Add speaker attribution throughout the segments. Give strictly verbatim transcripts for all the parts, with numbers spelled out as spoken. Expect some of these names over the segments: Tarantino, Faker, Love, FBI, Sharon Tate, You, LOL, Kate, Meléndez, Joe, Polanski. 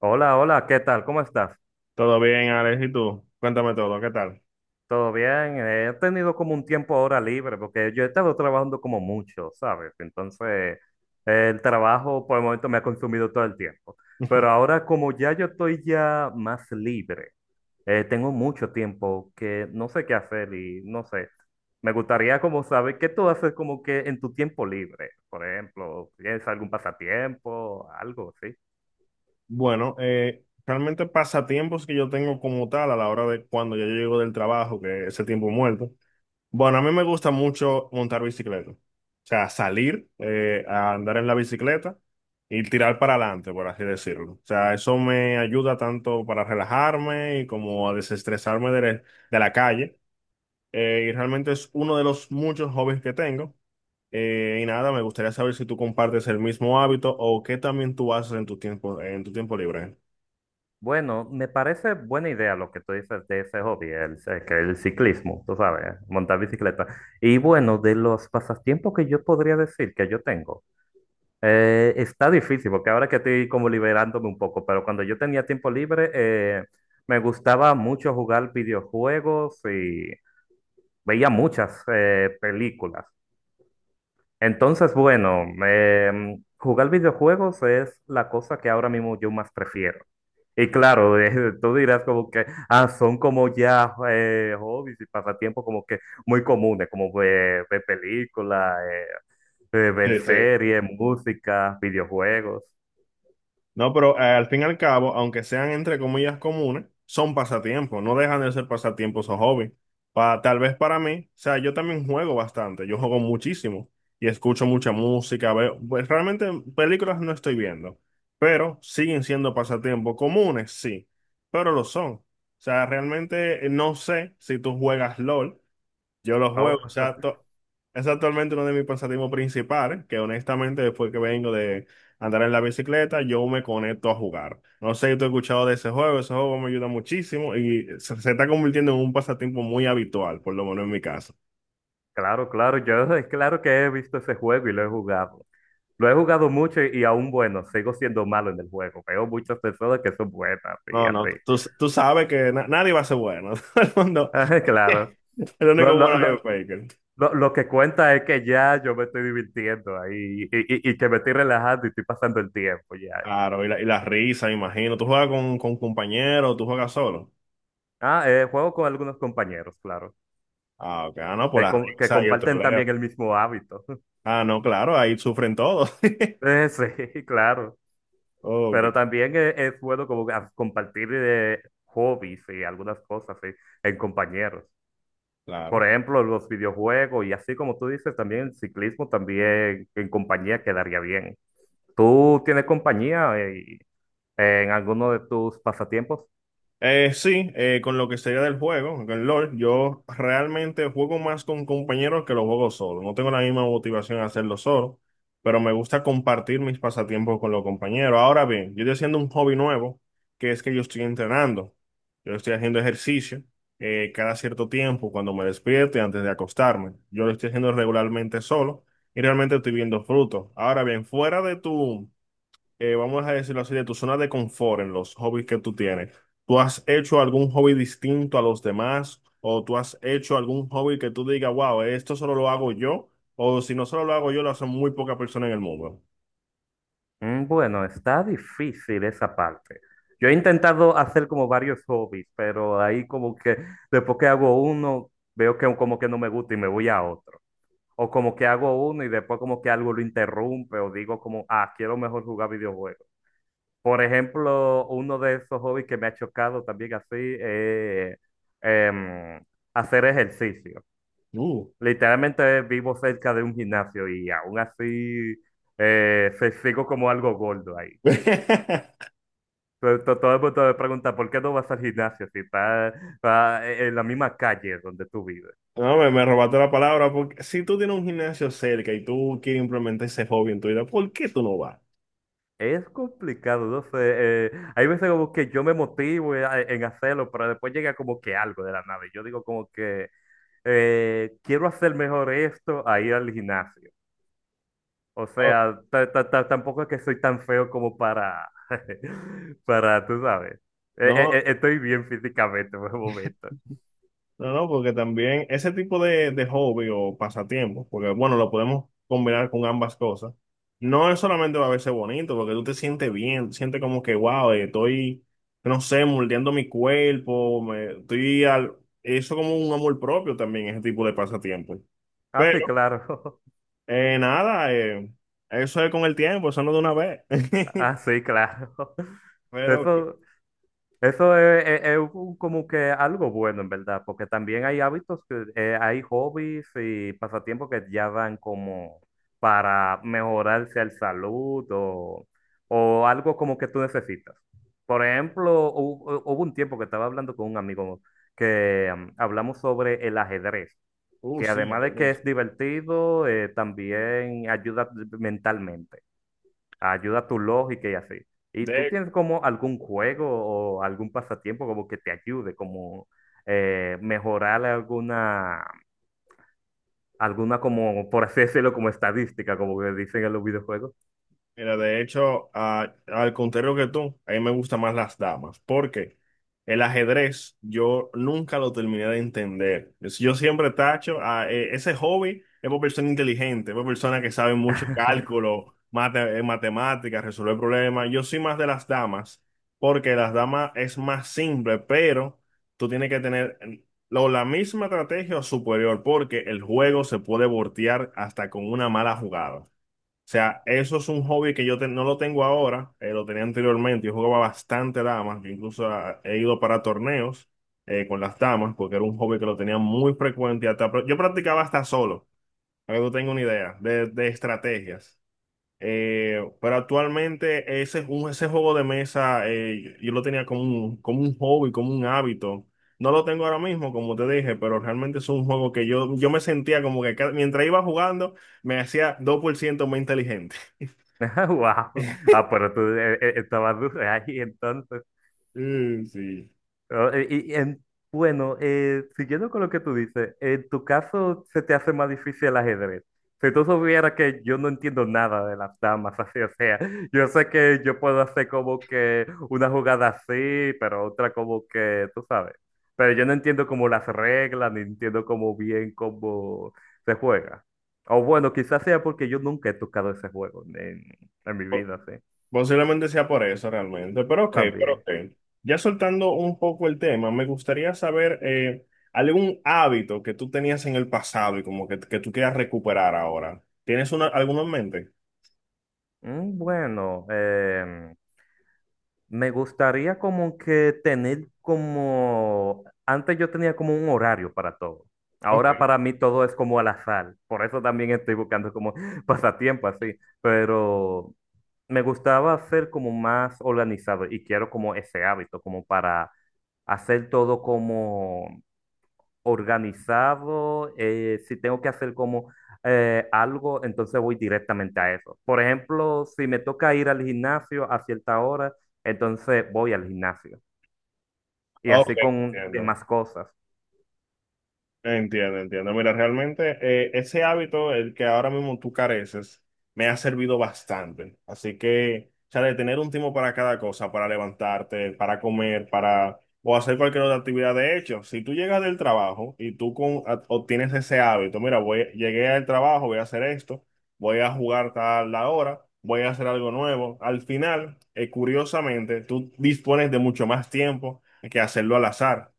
Speaker 1: Hola, hola, ¿qué tal? ¿Cómo estás?
Speaker 2: Todo bien, Alex, ¿y tú? Cuéntame todo, ¿qué tal?
Speaker 1: ¿Todo bien? Eh, He tenido como un tiempo ahora libre porque yo he estado trabajando como mucho, ¿sabes? Entonces, eh, el trabajo por el momento me ha consumido todo el tiempo. Pero ahora como ya yo estoy ya más libre, eh, tengo mucho tiempo que no sé qué hacer y no sé. Me gustaría como saber qué tú haces como que en tu tiempo libre, por ejemplo, ¿tienes algún pasatiempo, algo así?
Speaker 2: Bueno, eh, realmente pasatiempos que yo tengo como tal a la hora de cuando yo llego del trabajo, que ese tiempo muerto. Bueno, a mí me gusta mucho montar bicicleta. O sea, salir eh, a andar en la bicicleta y tirar para adelante, por así decirlo. O sea, eso me ayuda tanto para relajarme y como a desestresarme de, la- de la calle. eh, y realmente es uno de los muchos hobbies que tengo. Eh, y nada, me gustaría saber si tú compartes el mismo hábito o qué también tú haces en tu tiempo, en tu tiempo libre.
Speaker 1: Bueno, me parece buena idea lo que tú dices de ese hobby, el, eh, que el ciclismo, tú sabes, montar bicicleta. Y bueno, de los pasatiempos que yo podría decir que yo tengo, eh, está difícil porque ahora que estoy como liberándome un poco, pero cuando yo tenía tiempo libre, eh, me gustaba mucho jugar videojuegos y veía muchas eh, películas. Entonces, bueno, em, jugar videojuegos es la cosa que ahora mismo yo más prefiero. Y claro, eh, tú dirás como que, ah, son como ya eh, hobbies y pasatiempos como que muy comunes, como eh, ver películas, ver
Speaker 2: Sí, sí.
Speaker 1: series, música, videojuegos.
Speaker 2: No, pero eh, al fin y al cabo, aunque sean entre comillas comunes, son pasatiempos, no dejan de ser pasatiempos o hobbies. Pa- tal vez para mí, o sea, yo también juego bastante, yo juego muchísimo y escucho mucha música, veo, pues realmente películas no estoy viendo, pero siguen siendo pasatiempos comunes, sí, pero lo son. O sea, realmente eh, no sé si tú juegas LOL. Yo los juego,
Speaker 1: ¿No?
Speaker 2: o sea, to- es actualmente uno de mis pasatiempos principales, que honestamente después que vengo de andar en la bicicleta, yo me conecto a jugar. No sé si tú has escuchado de ese juego, ese juego me ayuda muchísimo y se, se está convirtiendo en un pasatiempo muy habitual, por lo menos en mi caso.
Speaker 1: Claro, claro, yo es claro que he visto ese juego y lo he jugado. Lo he jugado mucho y, y aún bueno, sigo siendo malo en el juego. Veo muchas personas que son buenas y
Speaker 2: No, no,
Speaker 1: así.
Speaker 2: tú, tú sabes que na- nadie va a ser bueno, todo el mundo,
Speaker 1: Claro.
Speaker 2: el
Speaker 1: Lo,
Speaker 2: único
Speaker 1: lo-
Speaker 2: bueno es el
Speaker 1: lo-
Speaker 2: Faker.
Speaker 1: lo- lo que cuenta es que ya yo me estoy divirtiendo ahí y, y- y que me estoy relajando y estoy pasando el tiempo ya.
Speaker 2: Claro, y la, y la risa, me imagino. ¿Tú juegas con, con compañeros, tú juegas solo?
Speaker 1: Ah, eh, juego con algunos compañeros, claro,
Speaker 2: Ah, ok, ah, no, por
Speaker 1: que,
Speaker 2: la
Speaker 1: com- que
Speaker 2: risa y el
Speaker 1: comparten
Speaker 2: troleo.
Speaker 1: también el mismo hábito.
Speaker 2: Ah, no, claro, ahí sufren todos.
Speaker 1: Eh, sí, claro,
Speaker 2: Ok,
Speaker 1: pero también es, es bueno como a- compartir eh, hobbies y algunas cosas sí, en compañeros.
Speaker 2: claro.
Speaker 1: Por ejemplo, los videojuegos y así como tú dices, también el ciclismo también en compañía quedaría bien. ¿Tú tienes compañía eh, en alguno de tus pasatiempos?
Speaker 2: Eh, sí, eh, con lo que sería del juego, con el LOL, yo realmente juego más con compañeros que lo juego solo. No tengo la misma motivación a hacerlo solo, pero me gusta compartir mis pasatiempos con los compañeros. Ahora bien, yo estoy haciendo un hobby nuevo, que es que yo estoy entrenando. Yo estoy haciendo ejercicio eh, cada cierto tiempo, cuando me despierto y antes de acostarme. Yo lo estoy haciendo regularmente solo y realmente estoy viendo frutos. Ahora bien, fuera de tu eh, vamos a decirlo así, de tu zona de confort en los hobbies que tú tienes. ¿Tú has hecho algún hobby distinto a los demás? ¿O tú has hecho algún hobby que tú digas, wow, esto solo lo hago yo? O si no solo lo hago yo, lo hacen muy pocas personas en el mundo.
Speaker 1: Mm, Bueno, está difícil esa parte. Yo he intentado hacer como varios hobbies, pero ahí como que después que hago uno, veo que como que no me gusta y me voy a otro. O como que hago uno y después como que algo lo interrumpe o digo como, ah, quiero mejor jugar videojuegos. Por ejemplo, uno de esos hobbies que me ha chocado también así, eh, em, hacer ejercicio.
Speaker 2: Uh.
Speaker 1: Literalmente vivo cerca de un gimnasio y aún así eh, se- sigo como algo gordo ahí. To- to- Todo el mundo me pregunta, ¿por qué no vas al gimnasio si estás estás en la misma calle donde tú vives?
Speaker 2: No, me, me robaste la palabra, porque si tú tienes un gimnasio cerca y tú quieres implementar ese hobby en tu vida, ¿por qué tú no vas?
Speaker 1: Es complicado, no sé. Eh, hay veces como que yo me motivo en en hacerlo, pero después llega como que algo de la nada. Y yo digo como que eh, quiero hacer mejor esto a ir al gimnasio. O
Speaker 2: Oh,
Speaker 1: sea, ta- ta- ta- tampoco es que soy tan feo como para, para, tú sabes. Eh, eh,
Speaker 2: no,
Speaker 1: eh, estoy bien físicamente por el momento.
Speaker 2: no, no, porque también ese tipo de, de hobby o pasatiempo, porque bueno, lo podemos combinar con ambas cosas, no es solamente va a verse bonito, porque tú te sientes bien, sientes como que, wow, eh, estoy, no sé, moldeando mi cuerpo, me, estoy al, eso como un amor propio también, ese tipo de pasatiempo.
Speaker 1: Ah, sí,
Speaker 2: Pero,
Speaker 1: claro.
Speaker 2: eh, nada, eh, eso es con el tiempo, eso no de una vez.
Speaker 1: Ah, sí, claro.
Speaker 2: Pero, que-
Speaker 1: Eso, Eso es, es- es un como que algo bueno, en verdad, porque también hay hábitos, que, eh, hay hobbies y pasatiempos que ya dan como para mejorarse el salud o, o algo como que tú necesitas. Por ejemplo, hu- hu- hubo un tiempo que estaba hablando con un amigo que mm, hablamos sobre el ajedrez,
Speaker 2: uh,
Speaker 1: que
Speaker 2: sí,
Speaker 1: además de que
Speaker 2: ajedrez.
Speaker 1: es divertido, eh, también ayuda mentalmente, ayuda a tu lógica y así. ¿Y tú
Speaker 2: De
Speaker 1: tienes como algún juego o algún pasatiempo como que te ayude, como eh, mejorar alguna, alguna como, por así decirlo, como estadística, como que dicen en los videojuegos?
Speaker 2: Mira, de hecho, a- al contrario que tú, a mí me gustan más las damas, porque el ajedrez yo nunca lo terminé de entender. Es- Yo siempre tacho, a, e- ese hobby es por persona inteligente, es por persona que sabe mucho cálculo, mate, eh, matemáticas, resolver problemas. Yo soy más de las damas, porque las damas es más simple, pero tú tienes que tener eh, lo- la misma estrategia o superior, porque el juego se puede voltear hasta con una mala jugada. O sea, eso es un hobby que yo te- no lo tengo ahora, eh, lo tenía anteriormente. Yo jugaba bastante damas, yo incluso ah, he ido para torneos eh, con las damas, porque era un hobby que lo tenía muy frecuente. Hasta, pra- yo practicaba hasta solo, para que tú tengas una idea de, de estrategias. Eh, pero actualmente ese, ju- ese juego de mesa eh, yo lo tenía como un, como un hobby, como un hábito. No lo tengo ahora mismo, como te dije, pero realmente es un juego que yo, yo me sentía como que cada- mientras iba jugando me hacía dos por ciento más inteligente.
Speaker 1: Wow. Ah, pero tú eh, eh, estabas duro ahí entonces.
Speaker 2: Mm, sí.
Speaker 1: Oh, eh, Y, en- bueno, eh, siguiendo con lo que tú dices, en tu caso se te hace más difícil el ajedrez. Si tú supieras que yo no entiendo nada de las damas, así, o sea, yo sé que yo puedo hacer como que una jugada así, pero otra como que, tú sabes. Pero yo no entiendo como las reglas, ni entiendo como bien cómo se juega. O bueno, quizás sea porque yo nunca he tocado ese juego en, en mi
Speaker 2: Po-
Speaker 1: vida, sí,
Speaker 2: Posiblemente sea por eso realmente, pero ok, pero
Speaker 1: también.
Speaker 2: ok. Ya soltando un poco el tema, me gustaría saber eh, algún hábito que tú tenías en el pasado y como que, que tú quieras recuperar ahora. ¿Tienes una, alguno en mente?
Speaker 1: Mm, Bueno, em, me gustaría como que tener como, antes yo tenía como un horario para todo.
Speaker 2: Ok,
Speaker 1: Ahora para mí todo es como al azar. Por eso también estoy buscando como pasatiempo así. Pero me gustaba ser como más organizado y quiero como ese hábito, como para hacer todo como organizado, eh, si tengo que hacer como eh, algo, entonces voy directamente a eso. Por ejemplo, si me toca ir al gimnasio a cierta hora, entonces voy al gimnasio. Y
Speaker 2: ok,
Speaker 1: así con
Speaker 2: entiendo.
Speaker 1: demás cosas.
Speaker 2: Entiendo, entiendo. Mira, realmente eh, ese hábito, el que ahora mismo tú careces, me ha servido bastante. Así que, o sea, de tener un tiempo para cada cosa, para levantarte, para comer, para o hacer cualquier otra actividad. De hecho, si tú llegas del trabajo y tú con, a- obtienes ese hábito, mira, voy, llegué al trabajo, voy a hacer esto, voy a jugar tal la hora, voy a hacer algo nuevo. Al final, eh, curiosamente, tú dispones de mucho más tiempo que hacerlo al azar. O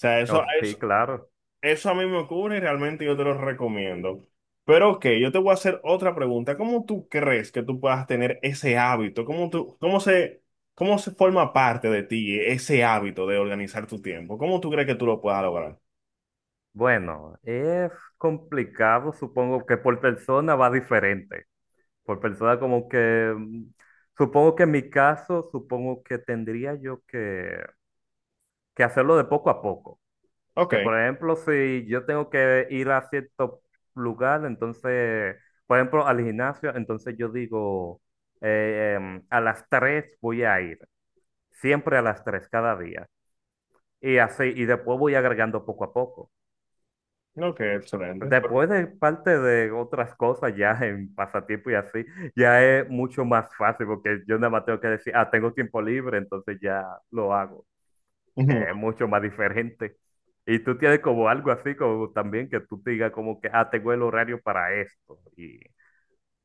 Speaker 2: sea,
Speaker 1: Oh,
Speaker 2: eso,
Speaker 1: sí, claro.
Speaker 2: eso a mí me ocurre y realmente yo te lo recomiendo. Pero ok, yo te voy a hacer otra pregunta. ¿Cómo tú crees que tú puedas tener ese hábito? ¿Cómo tú, cómo se, cómo se forma parte de ti ese hábito de organizar tu tiempo? ¿Cómo tú crees que tú lo puedas lograr?
Speaker 1: Bueno, es complicado, supongo que por persona va diferente. Por persona como que, mm, supongo que en mi caso, supongo que tendría yo que, que hacerlo de poco a poco.
Speaker 2: Ok,
Speaker 1: Que por ejemplo, si yo tengo que ir a cierto lugar, entonces, por ejemplo, al gimnasio, entonces yo digo, eh, em, a las tres voy a ir, siempre a las tres cada día. Y así, y después voy agregando poco a poco.
Speaker 2: ok, excelente.
Speaker 1: Después de parte de otras cosas, ya en pasatiempo y así, ya es mucho más fácil porque yo nada más tengo que decir, ah, tengo tiempo libre, entonces ya lo hago,
Speaker 2: Ujú.
Speaker 1: que es mucho más diferente. Y tú tienes como algo así, como también que tú te digas como que, ah, tengo el horario para esto. Y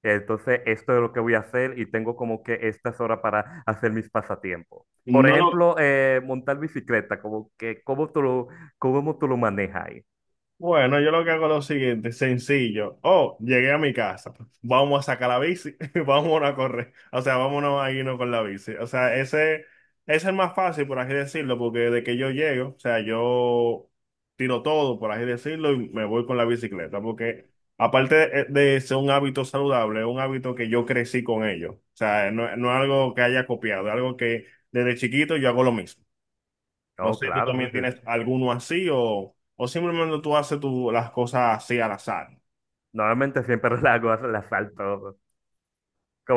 Speaker 1: entonces esto es lo que voy a hacer y tengo como que estas horas para hacer mis pasatiempos. Por
Speaker 2: No lo,
Speaker 1: ejemplo, eh, montar bicicleta, como que, ¿cómo tú lo, ¿cómo tú lo manejas ahí?
Speaker 2: bueno, yo lo que hago es lo siguiente, sencillo. Oh, llegué a mi casa. Vamos a sacar la bici, vámonos a correr. O sea, vámonos a irnos con la bici. O sea, ese, ese es el más fácil, por así decirlo, porque de que yo llego, o sea, yo tiro todo, por así decirlo, y me voy con la bicicleta. Porque aparte de, eh, de ser un hábito saludable, es un hábito que yo crecí con ello. O sea, no, no es algo que haya copiado, es algo que desde chiquito yo hago lo mismo. No
Speaker 1: Oh,
Speaker 2: sé si tú
Speaker 1: claro.
Speaker 2: también
Speaker 1: Entonces,
Speaker 2: tienes alguno así o, o simplemente tú haces tu- las cosas así al azar.
Speaker 1: normalmente siempre la hago, la salto.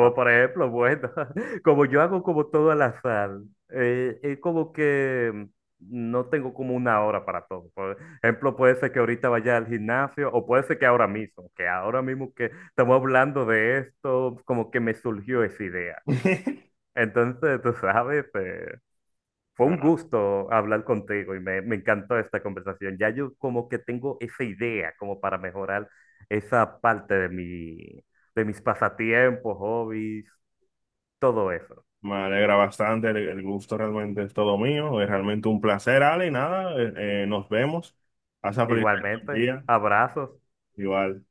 Speaker 2: Ah.
Speaker 1: por ejemplo, bueno, como yo hago como todo al azar, eh, es como que no tengo como una hora para todo. Por ejemplo, puede ser que ahorita vaya al gimnasio o puede ser que ahora mismo, que ahora mismo que estamos hablando de esto, como que me surgió esa idea. Entonces, tú sabes, eh, fue un
Speaker 2: Nada,
Speaker 1: gusto hablar contigo y me, me encantó esta conversación. Ya yo como que tengo esa idea como para mejorar esa parte de mi, de mis pasatiempos, hobbies, todo eso.
Speaker 2: me alegra bastante, el, el gusto realmente es todo mío, es realmente un placer, Ale, y nada, eh, eh, nos vemos. Pasa feliz resto del
Speaker 1: Igualmente,
Speaker 2: día,
Speaker 1: abrazos.
Speaker 2: igual.